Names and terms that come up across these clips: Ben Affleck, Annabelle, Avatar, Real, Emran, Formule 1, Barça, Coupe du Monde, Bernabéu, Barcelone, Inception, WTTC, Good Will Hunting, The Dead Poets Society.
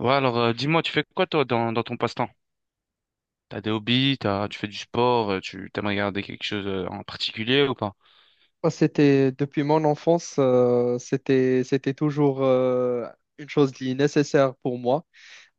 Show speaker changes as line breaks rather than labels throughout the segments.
Ouais, alors dis-moi, tu fais quoi toi dans ton passe-temps? T'as des hobbies, tu fais du sport, tu t'aimes regarder quelque chose en particulier ou pas?
Moi, c'était depuis mon enfance, c'était toujours une chose qui est nécessaire pour moi.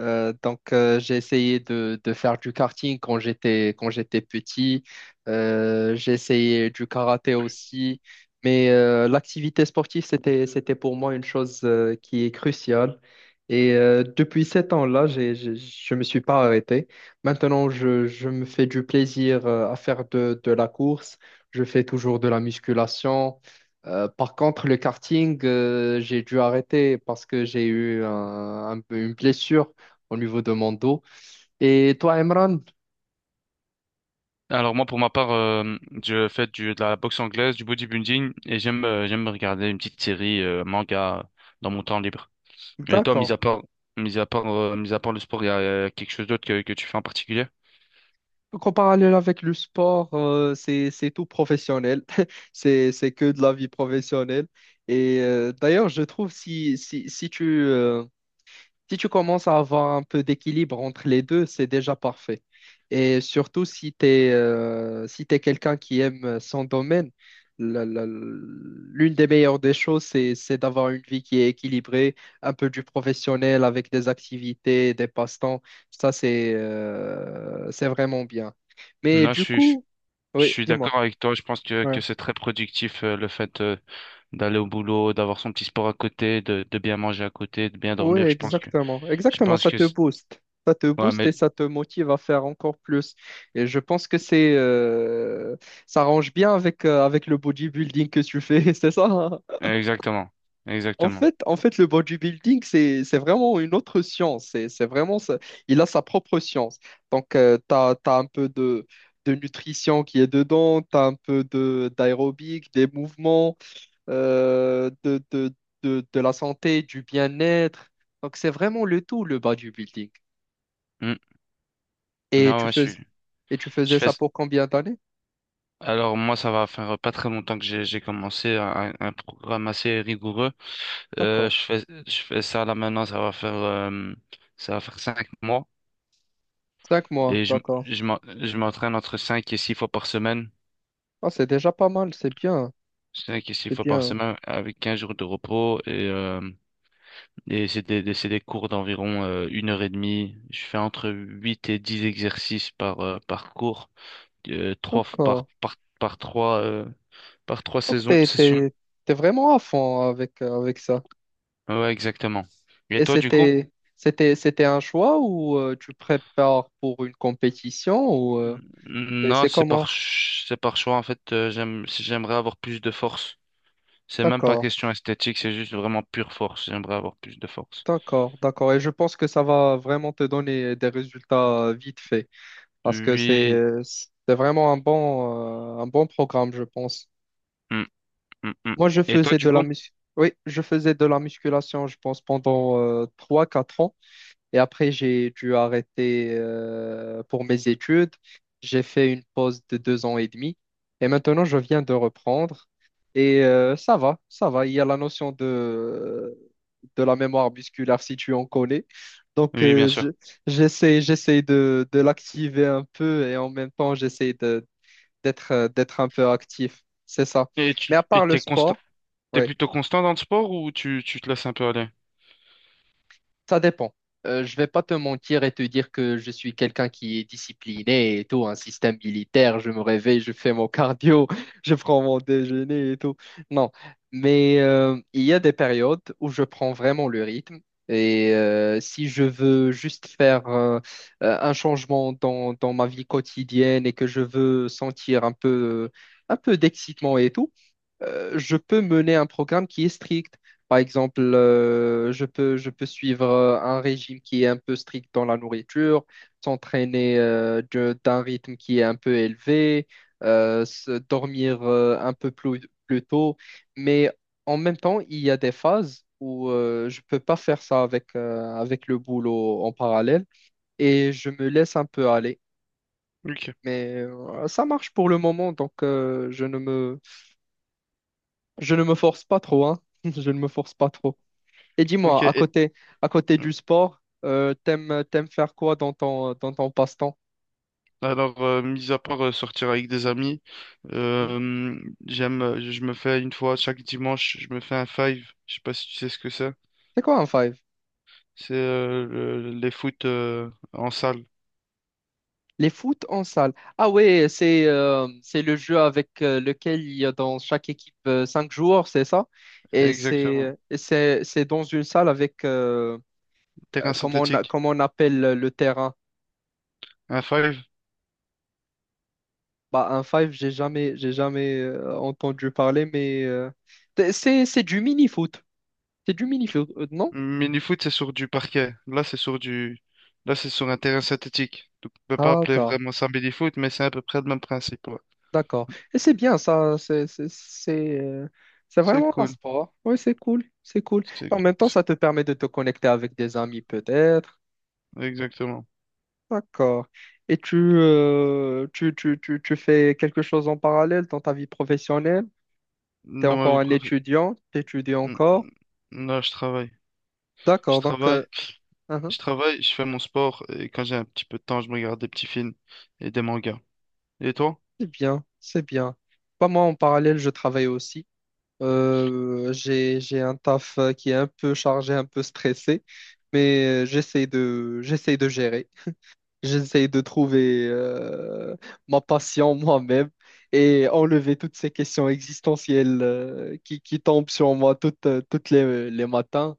J'ai essayé de faire du karting quand j'étais petit. J'ai essayé du karaté aussi. L'activité sportive, c'était pour moi une chose qui est cruciale. Depuis sept ans-là, je ne me suis pas arrêté. Maintenant, je me fais du plaisir à faire de la course. Je fais toujours de la musculation. Par contre, le karting, j'ai dû arrêter parce que j'ai eu un peu une blessure au niveau de mon dos. Et toi, Emran,
Alors moi, pour ma part, je fais de la boxe anglaise, du bodybuilding et j'aime regarder une petite série manga dans mon temps libre. Et toi,
d'accord.
mis à part le sport, il y a quelque chose d'autre que tu fais en particulier?
Donc, en parallèle avec le sport, c'est tout professionnel. C'est que de la vie professionnelle. D'ailleurs, je trouve si tu, si tu commences à avoir un peu d'équilibre entre les deux, c'est déjà parfait. Et surtout si tu es, si t'es quelqu'un qui aime son domaine, l'une des meilleures des choses, c'est d'avoir une vie qui est équilibrée, un peu du professionnel avec des activités, des passe-temps. Ça, c'est vraiment bien. Mais
Non,
du coup,
je
oui,
suis d'accord
dis-moi.
avec toi. Je pense que
Ouais.
que c'est très productif le fait, d'aller au boulot, d'avoir son petit sport à côté, de bien manger à côté, de bien
Oui,
dormir. Je pense que
exactement.
je
Exactement,
pense
ça te booste. Ça te
Ouais,
booste et
mais...
ça te motive à faire encore plus. Et je pense que c'est ça range bien avec, avec le bodybuilding que tu fais, c'est ça?
Exactement. Exactement.
En fait, le bodybuilding, c'est vraiment une autre science. C'est vraiment, il a sa propre science. Donc, tu as, un peu de nutrition qui est dedans, tu as un peu d'aérobic, des mouvements euh, de, de, de la santé, du bien-être. Donc, c'est vraiment le tout, le bodybuilding.
Hmm.
Et
Non,
tu
ouais, je
fais,
suis...
et tu
Je
faisais
fais...
ça pour combien d'années?
Alors moi, ça va faire pas très longtemps que j'ai commencé un programme assez rigoureux.
D'accord.
Je fais ça là maintenant, ça va faire cinq mois.
Cinq mois,
Et
d'accord.
je m'entraîne entre cinq et six fois par semaine.
Ah, c'est déjà pas mal, c'est bien,
Cinq et six
c'est
fois par
bien.
semaine avec 15 jours de repos. Et c'est des, c'est des cours d'environ une heure et demie. Je fais entre 8 et 10 exercices par cours. Trois f- par,
D'accord.
par, par trois
Donc,
saisons, sessions.
t'es vraiment à fond avec, avec ça.
Ouais, exactement. Et
Et
toi, du coup?
c'était, c'était un choix ou tu prépares pour une compétition ou et
Non,
c'est comment?
c'est par choix. En fait, j'aimerais avoir plus de force. C'est même pas
D'accord,
question esthétique, c'est juste vraiment pure force. J'aimerais avoir plus de force.
d'accord. Et je pense que ça va vraiment te donner des résultats vite fait, parce que
Oui.
c'est vraiment un bon programme, je pense.
Mm, mm, mm.
Moi, je
Et toi,
faisais
du
de la
coup?
mus- oui, je faisais de la musculation, je pense, pendant 3-4 ans. Et après, j'ai dû arrêter pour mes études. J'ai fait une pause de 2 ans et demi. Et maintenant, je viens de reprendre. Ça va, ça va. Il y a la notion de la mémoire musculaire, si tu en connais. Donc,
Oui, bien
euh, je-
sûr.
J'essaie de l'activer un peu et en même temps, j'essaie d'être un peu actif, c'est ça.
Et
Mais à
tu, et
part le
t'es constant,
sport,
t'es
ouais,
plutôt constant dans le sport ou tu te laisses un peu aller?
ça dépend. Je vais pas te mentir et te dire que je suis quelqu'un qui est discipliné et tout, un système militaire, je me réveille, je fais mon cardio, je prends mon déjeuner et tout. Non, mais il y a des périodes où je prends vraiment le rythme. Si je veux juste faire un changement dans ma vie quotidienne et que je veux sentir un peu d'excitement et tout, je peux mener un programme qui est strict. Par exemple, je peux suivre un régime qui est un peu strict dans la nourriture, s'entraîner d'un rythme qui est un peu élevé, dormir un peu plus, plus tôt. Mais en même temps, il y a des phases où je ne peux pas faire ça avec, avec le boulot en parallèle et je me laisse un peu aller.
Ok.
Mais ça marche pour le moment, donc je ne me force pas trop, hein. Je ne me force pas trop. Et
Ok.
dis-moi, à côté du sport, t'aimes faire quoi dans ton passe-temps?
Alors, mis à part sortir avec des amis,
Hmm.
euh, je me fais une fois chaque dimanche, je me fais un five. Je sais pas si tu sais ce que c'est.
C'est quoi un five?
C'est les foot en salle.
Les foot en salle. Ah ouais, c'est le jeu avec lequel il y a dans chaque équipe cinq joueurs, c'est ça? Et
Exactement.
c'est dans une salle avec
Terrain synthétique.
comment on appelle le terrain?
Un five.
Bah un five, j'ai jamais entendu parler, mais c'est du mini foot. C'est du mini foot, non?
Mini-foot, c'est sur du parquet. Là, là, c'est sur un terrain synthétique. Donc, on peut pas appeler
D'accord,
vraiment ça mini-foot, mais c'est à peu près le même principe. Ouais.
d'accord. Et c'est bien ça, c'est
C'est
vraiment un
cool.
sport. Oui, c'est cool, c'est cool.
C'est,
Et en même temps,
c'est-
ça te permet de te connecter avec des amis peut-être.
exactement.
D'accord. Tu fais quelque chose en parallèle dans ta vie professionnelle? Tu es
Dans ma
encore
vie
un
professionnelle,
étudiant, tu étudies encore.
non, je travaille. Je
D'accord, donc
travaille.
uhum,
Je travaille, je fais mon sport et quand j'ai un petit peu de temps, je me regarde des petits films et des mangas. Et toi?
c'est bien, c'est bien. Pas moi, en parallèle, je travaille aussi. J'ai un taf qui est un peu chargé, un peu stressé, mais j'essaie de gérer. J'essaie de trouver ma passion moi-même et enlever toutes ces questions existentielles qui tombent sur moi toutes les matins.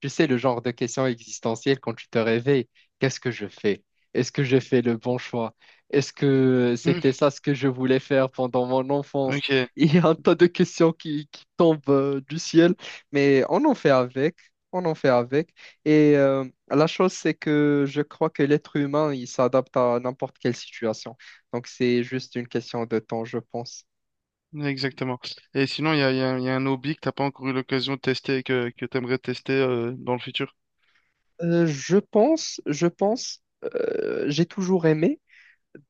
Tu sais, le genre de questions existentielles quand tu te réveilles, qu'est-ce que je fais? Est-ce que j'ai fait le bon choix? Est-ce que
Hmm,
c'était ça ce que je voulais faire pendant mon enfance?
ok,
Il y a un tas de questions qui tombent du ciel, mais on en fait avec, on en fait avec. Et euh, la chose, c'est que je crois que l'être humain, il s'adapte à n'importe quelle situation. Donc, c'est juste une question de temps, je pense.
exactement. Et sinon, il y a un il y a un hobby que t'as pas encore eu l'occasion de tester et que t'aimerais tester dans le futur?
Je pense, j'ai toujours aimé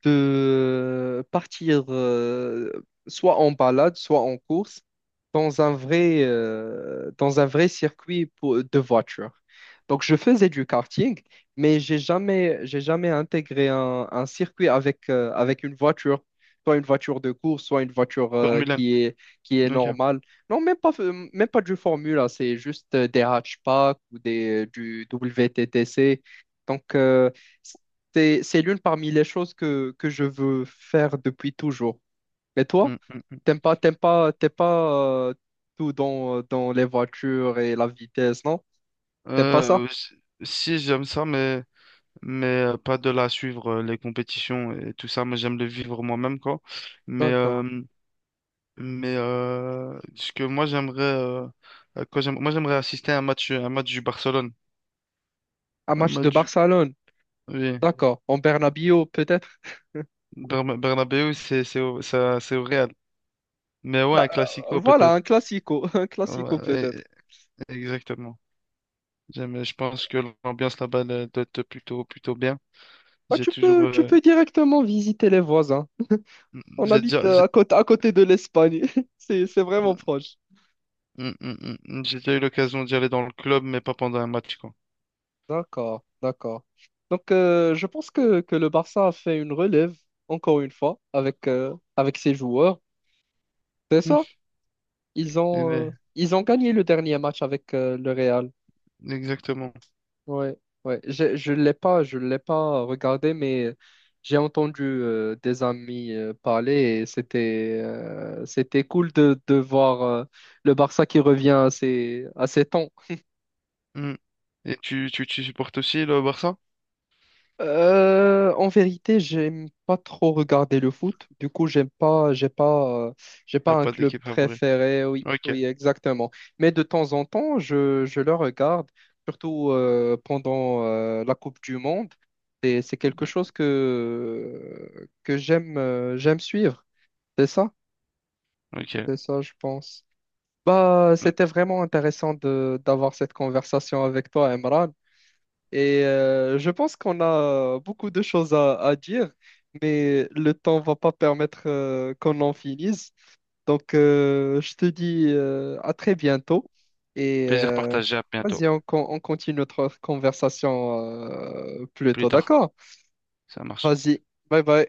de partir soit en balade, soit en course dans un vrai de voiture. Donc, je faisais du karting, mais j'ai jamais intégré un circuit avec, avec une voiture, soit une voiture de course, soit une voiture
Formule 1.
qui est
Ok.
normale. Non, même pas du Formule, A, c'est juste des hatchbacks ou des, du WTTC. Donc, c'est l'une parmi les choses que je veux faire depuis toujours. Et toi,
Hmm, hmm.
t'aimes pas tout dans, dans les voitures et la vitesse, non? T'aimes pas ça?
Euh, s- si j'aime ça, mais pas de la suivre les compétitions et tout ça. Moi, j'aime le vivre moi-même, quoi. Mais
D'accord.
euh, mais ce que moi j'aimerais quand j'aime- moi j'aimerais assister à un match du Barcelone.
Un
Un
match de
match
Barcelone,
Oui,
d'accord. En Bernabéu, peut-être.
Bernabéu, c'est au Real. Mais ouais,
Ah,
un classico
voilà, un
peut-être.
classico, un classico
Ouais,
peut-être.
e- e- exactement. Je pense que l'ambiance là-bas elle doit être plutôt bien.
Ah,
J'ai toujours,
tu peux directement visiter les voisins. On
j'ai
habite
déjà, j'ai
à côté de l'Espagne. C'est vraiment
Mm,
proche.
mm, mm, mm. J'ai déjà eu l'occasion d'y aller dans le club, mais pas pendant un match, quoi.
D'accord, d'accord. Donc, je pense que le Barça a fait une relève, encore une fois, avec, avec ses joueurs. C'est
Mm.
ça?
Et- mais-
Ils ont gagné le dernier match avec le Real.
Exactement.
Ouais, ouais. Je l'ai pas, je l'ai pas regardé, mais j'ai entendu des amis parler et c'était cool de voir le Barça qui revient à ses temps.
Mm. Et tu supportes aussi le Barça?
En vérité, j'aime pas trop regarder le foot. Du coup, j'aime pas, j'ai pas, j'ai pas
T'as
un
pas
club
d'équipe favorite.
préféré. Oui,
Ok,
oui, exactement. Mais de temps en temps, je le regarde, surtout pendant la Coupe du Monde. Et c'est quelque chose que j'aime, j'aime suivre. C'est ça,
ok.
c'est ça, je pense. Bah,
Mm.
c'était vraiment intéressant de d'avoir cette conversation avec toi, Emran. Je pense qu'on a beaucoup de choses à dire, mais le temps va pas permettre qu'on en finisse. Donc, je te dis à très bientôt. Et
Plaisir
euh,
partagé, à bientôt.
Vas-y, on continue notre conversation plus
Plus
tôt,
tard,
d'accord?
ça marche.
Vas-y, bye bye.